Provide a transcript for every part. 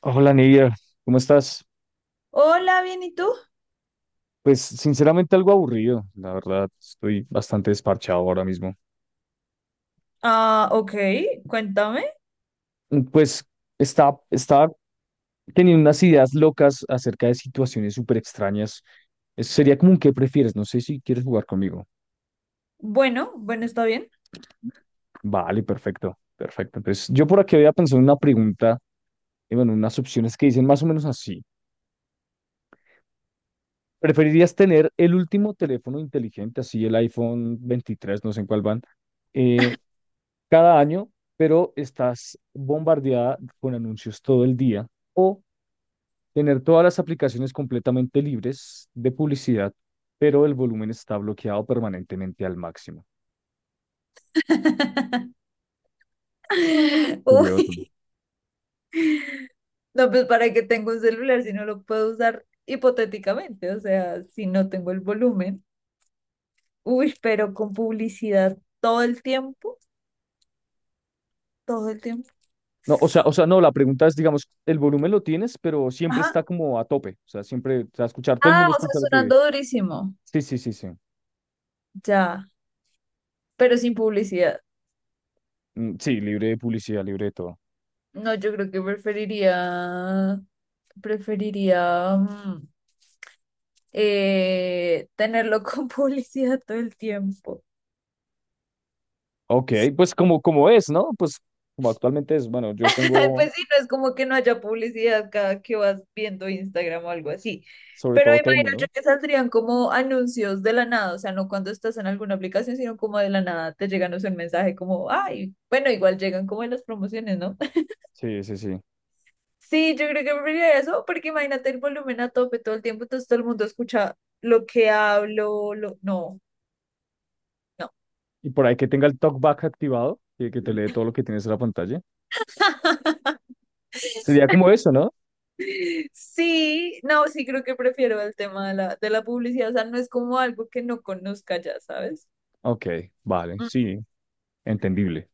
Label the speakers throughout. Speaker 1: Hola Nidia, ¿cómo estás?
Speaker 2: Hola, bien, ¿y tú?
Speaker 1: Pues sinceramente algo aburrido, la verdad, estoy bastante desparchado ahora mismo.
Speaker 2: Ah, ok, cuéntame.
Speaker 1: Pues estaba teniendo unas ideas locas acerca de situaciones súper extrañas. Eso sería como un qué prefieres, no sé si quieres jugar conmigo.
Speaker 2: Bueno, bueno, está bien.
Speaker 1: Vale, perfecto, perfecto. Entonces yo por aquí había pensado en una pregunta, y bueno, unas opciones que dicen más o menos así. ¿Preferirías tener el último teléfono inteligente, así el iPhone 23 no sé en cuál van, eh, cada año, pero estás bombardeada con anuncios todo el día? ¿O tener todas las aplicaciones completamente libres de publicidad, pero el volumen está bloqueado permanentemente al máximo? Curioso.
Speaker 2: Uy, no, pues para qué tengo un celular si no lo puedo usar hipotéticamente, o sea, si no tengo el volumen. Uy, pero con publicidad todo el tiempo, todo el tiempo.
Speaker 1: No, o sea, no, la pregunta es, digamos, el volumen lo tienes, pero siempre
Speaker 2: Ajá.
Speaker 1: está como a tope. O sea, siempre te va a escuchar, todo el
Speaker 2: Ah,
Speaker 1: mundo
Speaker 2: o sea,
Speaker 1: escucha lo que...
Speaker 2: sonando durísimo.
Speaker 1: Sí, sí, sí, sí.
Speaker 2: Ya, pero sin publicidad.
Speaker 1: Sí, libre de publicidad, libre de todo.
Speaker 2: No, yo creo que preferiría, preferiría, tenerlo con publicidad todo el tiempo.
Speaker 1: Ok, pues como es, ¿no? Pues como actualmente es, bueno, yo tengo
Speaker 2: Pues sí, no es como que no haya publicidad cada que vas viendo Instagram o algo así.
Speaker 1: sobre
Speaker 2: Pero me
Speaker 1: todo
Speaker 2: imagino
Speaker 1: Temu,
Speaker 2: yo
Speaker 1: ¿no?
Speaker 2: que saldrían como anuncios de la nada, o sea, no cuando estás en alguna aplicación, sino como de la nada te llegan, o sea, un mensaje como, ay, bueno, igual llegan como en las promociones, ¿no?
Speaker 1: Sí, sí, sí.
Speaker 2: Sí, yo creo que preferiría eso, porque imagínate el volumen a tope todo el tiempo, entonces todo el mundo escucha lo que hablo, lo... No, no.
Speaker 1: Y por ahí que tenga el talkback activado y que te lee todo lo que tienes en la pantalla. Sería como eso, ¿no?
Speaker 2: Sí, no, sí creo que prefiero el tema de la publicidad, o sea, no es como algo que no conozca ya, ¿sabes?
Speaker 1: Ok, vale,
Speaker 2: Mm.
Speaker 1: sí, entendible.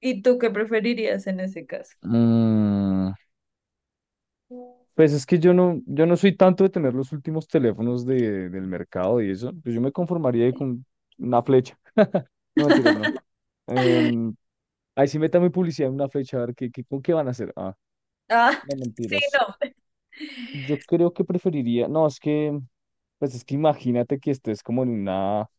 Speaker 2: ¿Y tú qué preferirías en ese caso?
Speaker 1: Mm, pues es que yo no soy tanto de tener los últimos teléfonos del mercado y eso. Pues yo me conformaría con una flecha. No mentiras, no. Em, ahí sí métame publicidad en una flecha, a ver qué, con qué van a hacer. Ah,
Speaker 2: Ah,
Speaker 1: no
Speaker 2: sí,
Speaker 1: mentiras.
Speaker 2: no.
Speaker 1: Yo creo que preferiría, no, es que, pues es que imagínate que estés como en una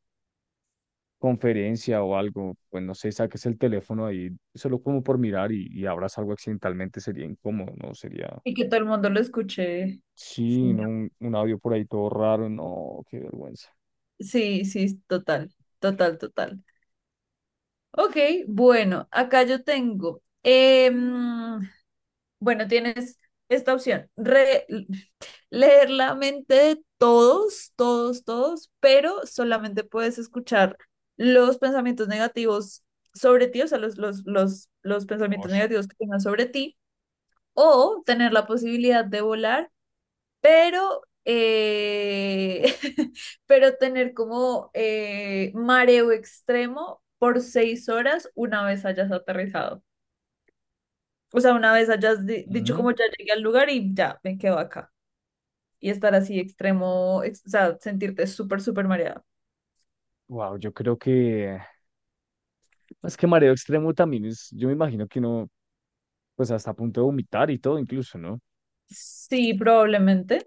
Speaker 1: conferencia o algo, pues no sé, saques el teléfono ahí solo como por mirar y abras algo accidentalmente, sería incómodo, ¿no? Sería,
Speaker 2: Y que todo el mundo lo escuche. Sí,
Speaker 1: sí, ¿no?
Speaker 2: no,
Speaker 1: Un audio por ahí todo raro, no, qué vergüenza.
Speaker 2: sí, sí, total, total, total. Ok, bueno, acá yo tengo. Bueno, tienes esta opción, leer la mente de todos, todos, todos, pero solamente puedes escuchar los pensamientos negativos sobre ti, o sea, los pensamientos
Speaker 1: Osh.
Speaker 2: negativos que tengan sobre ti, o tener la posibilidad de volar, pero, pero tener como mareo extremo por 6 horas una vez hayas aterrizado. O sea, una vez hayas dicho
Speaker 1: Ujú.
Speaker 2: como ya llegué al lugar y ya, me quedo acá. Y estar así extremo, o sea, sentirte súper, súper mareada.
Speaker 1: Wow, es que mareo extremo también es, yo me imagino que uno, pues hasta a punto de vomitar y todo incluso, ¿no?
Speaker 2: Sí, probablemente.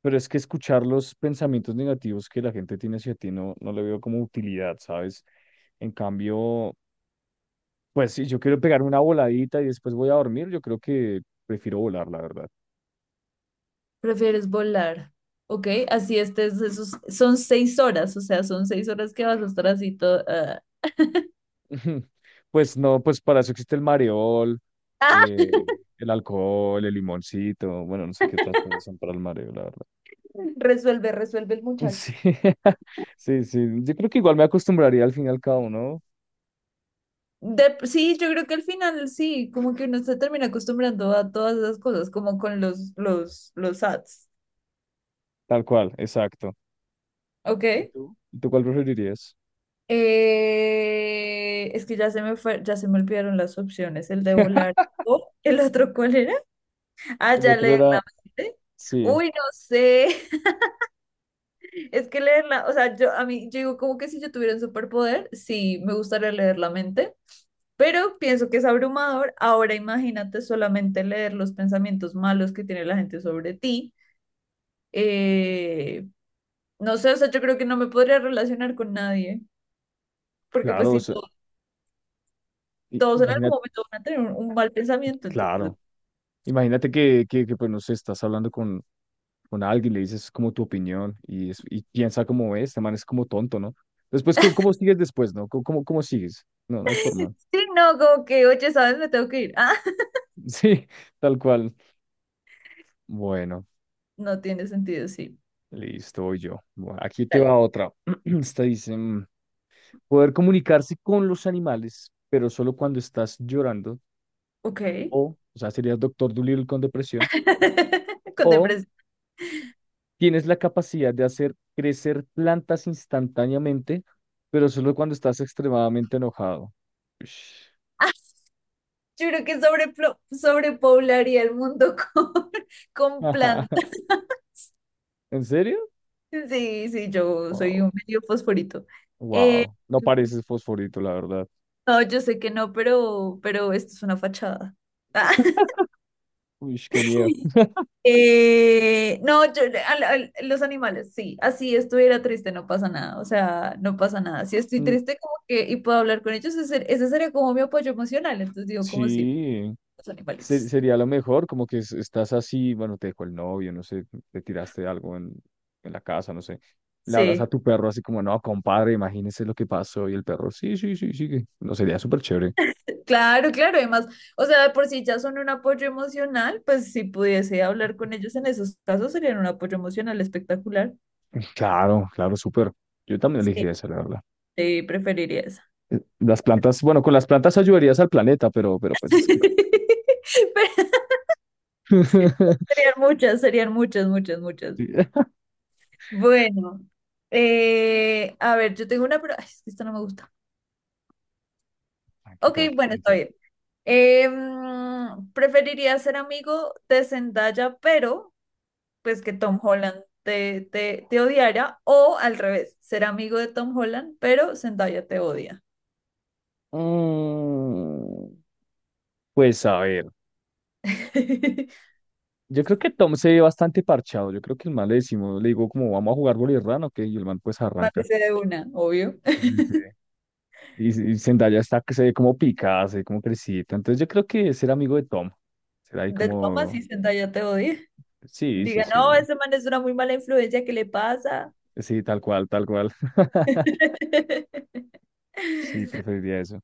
Speaker 1: Pero es que escuchar los pensamientos negativos que la gente tiene hacia ti no, no le veo como utilidad, ¿sabes? En cambio, pues si yo quiero pegarme una voladita y después voy a dormir, yo creo que prefiero volar, la verdad.
Speaker 2: Prefieres volar. Ok, así estés, esos, son 6 horas, o sea, son 6 horas que vas a estar así todo. Ah.
Speaker 1: Pues no, pues para eso existe el mareol,
Speaker 2: Ah,
Speaker 1: eh, el alcohol, el limoncito, bueno, no sé qué otras cosas son para el mareo, la verdad.
Speaker 2: resuelve, resuelve el muchacho.
Speaker 1: Sí, sí, sí. Yo creo que igual me acostumbraría al fin y al cabo, ¿no?
Speaker 2: Sí, yo creo que al final sí, como que uno se termina acostumbrando a todas esas cosas, como con los ads.
Speaker 1: Tal cual, exacto. ¿Y
Speaker 2: Ok.
Speaker 1: tú? ¿Y tú cuál preferirías?
Speaker 2: Es que ya se me fue, ya se me olvidaron las opciones. El de volar, o ¿el otro cuál era? Ah,
Speaker 1: El
Speaker 2: ya,
Speaker 1: otro
Speaker 2: leer
Speaker 1: era,
Speaker 2: la mente.
Speaker 1: sí.
Speaker 2: Uy, no sé. Es que leerla, o sea, yo digo como que si yo tuviera un superpoder, sí, me gustaría leer la mente, pero pienso que es abrumador. Ahora imagínate solamente leer los pensamientos malos que tiene la gente sobre ti. Eh, no sé, o sea, yo creo que no me podría relacionar con nadie, porque pues
Speaker 1: Claro, o
Speaker 2: sí.
Speaker 1: sea,
Speaker 2: Todos en algún
Speaker 1: imagínate,
Speaker 2: momento van a tener un mal pensamiento, entonces.
Speaker 1: claro, imagínate que, pues no sé, estás hablando con alguien, le dices como tu opinión y, y piensa como es, este man es como tonto, ¿no? Después, ¿cómo, cómo sigues después, no? ¿Cómo, cómo sigues? No, no hay forma.
Speaker 2: Sí, no, como que, oye, ¿sabes? Me tengo que ir. Ah,
Speaker 1: Sí, tal cual. Bueno,
Speaker 2: no tiene sentido, sí.
Speaker 1: listo, voy yo. Bueno, aquí te
Speaker 2: Dale.
Speaker 1: va otra. Esta dice, poder comunicarse con los animales, pero solo cuando estás llorando,
Speaker 2: Ok.
Speaker 1: o sea, serías Doctor Dolittle con depresión,
Speaker 2: Con
Speaker 1: o
Speaker 2: depresión.
Speaker 1: tienes la capacidad de hacer crecer plantas instantáneamente, pero solo cuando estás extremadamente enojado. Ush.
Speaker 2: Ah, yo creo que sobrepoblaría el mundo con, con plantas.
Speaker 1: ¿En serio?
Speaker 2: Sí, sí, yo soy
Speaker 1: Wow.
Speaker 2: un medio fosforito. Eh,
Speaker 1: Wow. No
Speaker 2: mm,
Speaker 1: pareces fosforito, la verdad.
Speaker 2: no, yo sé que no, pero esto es una fachada. Ah.
Speaker 1: Uy, qué miedo.
Speaker 2: No, los animales, sí, así estuviera triste, no pasa nada, o sea, no pasa nada. Si estoy
Speaker 1: Mm,
Speaker 2: triste como que y puedo hablar con ellos, ese sería como mi apoyo emocional, entonces digo como sí,
Speaker 1: Sí,
Speaker 2: los animalitos.
Speaker 1: sería lo mejor, como que estás así, bueno, te dejó el novio, no sé, te tiraste algo en la casa, no sé. Le hablas
Speaker 2: Sí,
Speaker 1: a tu perro así como, no, compadre, imagínese lo que pasó. Y el perro, sí, sí, sí, sí. que-". No, sería súper chévere.
Speaker 2: claro, claro, además, o sea, de por si ya son un apoyo emocional, pues si pudiese hablar con ellos en esos casos serían un apoyo emocional espectacular.
Speaker 1: Claro, claro, súper. Yo también
Speaker 2: Sí,
Speaker 1: elegí esa, la verdad.
Speaker 2: sí, preferiría eso.
Speaker 1: Las plantas, bueno, con las plantas ayudarías al planeta, pero pues es que.
Speaker 2: Pero serían muchas, muchas, muchas.
Speaker 1: Sí.
Speaker 2: Bueno, a ver, yo tengo una, pero ay, es que esto no me gusta.
Speaker 1: Tranqui,
Speaker 2: Ok,
Speaker 1: tranqui,
Speaker 2: bueno, está
Speaker 1: piensa.
Speaker 2: bien. Mm, preferiría ser amigo de Zendaya, pero pues que Tom Holland te odiara, o al revés, ser amigo de Tom Holland, pero Zendaya te odia.
Speaker 1: Mm, pues a ver, yo creo que Tom se ve bastante parchado. Yo creo que el man le decimos, le digo como vamos a jugar bolirrán, ok, y el man pues arranca.
Speaker 2: Mátese de una, obvio.
Speaker 1: Sí, sí. Y Zendaya está que se ve como picada, se ve como crecida. Entonces yo creo que ser amigo de Tom, será ahí
Speaker 2: De Thomas
Speaker 1: como,
Speaker 2: y Zendaya te odia.
Speaker 1: sí, sí,
Speaker 2: Diga,
Speaker 1: sí,
Speaker 2: no, ese man es una muy mala influencia, ¿qué le pasa?
Speaker 1: sí, tal cual, tal cual. Sí, preferiría eso.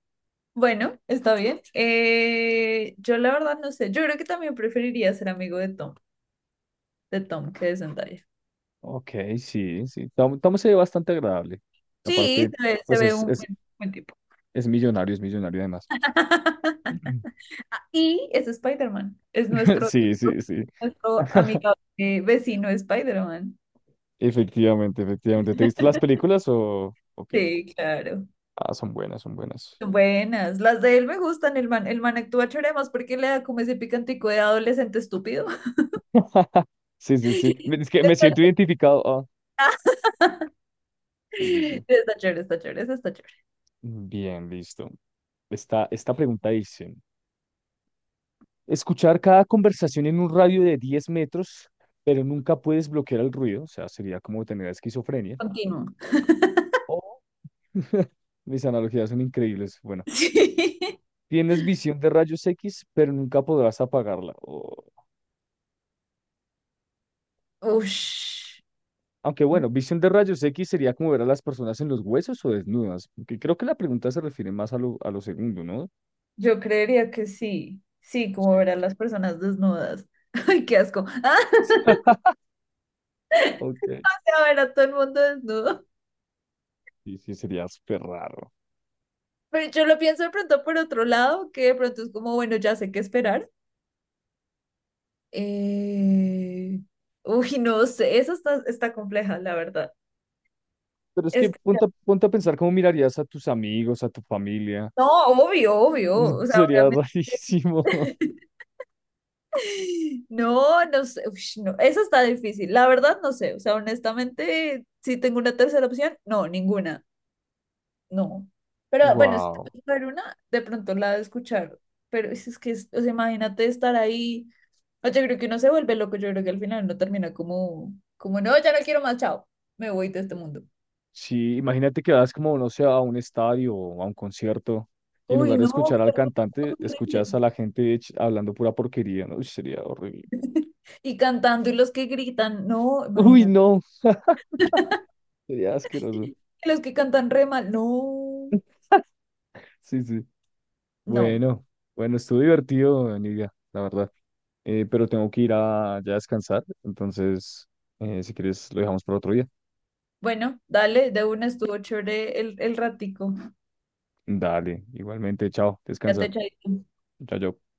Speaker 2: Bueno, está bien. Yo la verdad no sé. Yo creo que también preferiría ser amigo de Tom que de Zendaya.
Speaker 1: Ok, sí, sí. Tom, Tom se ve bastante agradable.
Speaker 2: Sí,
Speaker 1: Aparte,
Speaker 2: se
Speaker 1: pues
Speaker 2: ve
Speaker 1: es,
Speaker 2: un
Speaker 1: es,
Speaker 2: buen, buen tipo.
Speaker 1: es millonario además.
Speaker 2: Ah, y es Spider-Man. Es nuestro,
Speaker 1: Sí, sí, sí.
Speaker 2: nuestro amigo, vecino Spider-Man.
Speaker 1: Efectivamente, efectivamente. ¿Te viste las películas o qué?
Speaker 2: Sí, claro.
Speaker 1: Ah, son buenas, son buenas.
Speaker 2: Son buenas. Las de él me gustan. El man actúa chévere más porque le da como ese picantico de adolescente estúpido.
Speaker 1: Sí, sí, sí. Es que me
Speaker 2: Está,
Speaker 1: siento identificado. Ah, sí, sí, sí.
Speaker 2: está chévere, eso está chévere.
Speaker 1: Bien, listo. Esta pregunta dice, escuchar cada conversación en un radio de 10 metros, pero nunca puedes bloquear el ruido, o sea, sería como tener esquizofrenia.
Speaker 2: Continúo.
Speaker 1: O mis analogías son increíbles. Bueno,
Speaker 2: Sí.
Speaker 1: tienes visión de rayos X, pero nunca podrás apagarla. O-
Speaker 2: Ush,
Speaker 1: Aunque bueno, visión de rayos X sería como ver a las personas en los huesos o desnudas. Aunque creo que la pregunta se refiere más a a lo segundo, ¿no?
Speaker 2: yo creería que sí. Sí, como
Speaker 1: Sí.
Speaker 2: ver a las personas desnudas. Ay, qué asco.
Speaker 1: Ok.
Speaker 2: Ah, a ver a todo el mundo desnudo.
Speaker 1: Sí, sí, sería súper raro.
Speaker 2: Pero yo lo pienso de pronto por otro lado, que de pronto es como, bueno, ya sé qué esperar. Eh... Uy, no sé, eso está, está compleja, la verdad.
Speaker 1: Pero es que
Speaker 2: Es que,
Speaker 1: ponte, ponte a pensar cómo mirarías a tus amigos, a tu familia.
Speaker 2: no, obvio, obvio. O sea,
Speaker 1: Sería
Speaker 2: obviamente.
Speaker 1: rarísimo.
Speaker 2: No, no sé, ush, no, eso está difícil. La verdad, no sé. O sea, honestamente, si tengo una tercera opción, no, ninguna. No. Pero bueno, si te
Speaker 1: Wow.
Speaker 2: puedes ver una, de pronto la de escuchar. Pero o sea, imagínate estar ahí. No, yo creo que uno se vuelve loco. Yo creo que al final no termina como, como, no, ya no quiero más, chao. Me voy de este mundo.
Speaker 1: Sí, imagínate que vas como, no sé, a un estadio o a un concierto y en
Speaker 2: Uy,
Speaker 1: lugar de
Speaker 2: no,
Speaker 1: escuchar al
Speaker 2: qué tan
Speaker 1: cantante,
Speaker 2: horrible.
Speaker 1: escuchas a la gente hablando pura porquería, ¿no? Uy, sería horrible.
Speaker 2: Y cantando y los que gritan, no,
Speaker 1: Uy,
Speaker 2: imagínate.
Speaker 1: no, sería asqueroso.
Speaker 2: Y los que cantan re mal, no,
Speaker 1: Sí, sí.
Speaker 2: no.
Speaker 1: Bueno, bueno, estuvo divertido, Nidia, la verdad. Pero tengo que ir a ya descansar, entonces, si quieres, lo dejamos para otro día.
Speaker 2: Bueno, dale, de una estuvo chévere el ratico.
Speaker 1: Dale, igualmente, chao,
Speaker 2: Ya te
Speaker 1: descansa.
Speaker 2: echaste.
Speaker 1: Chao, chao.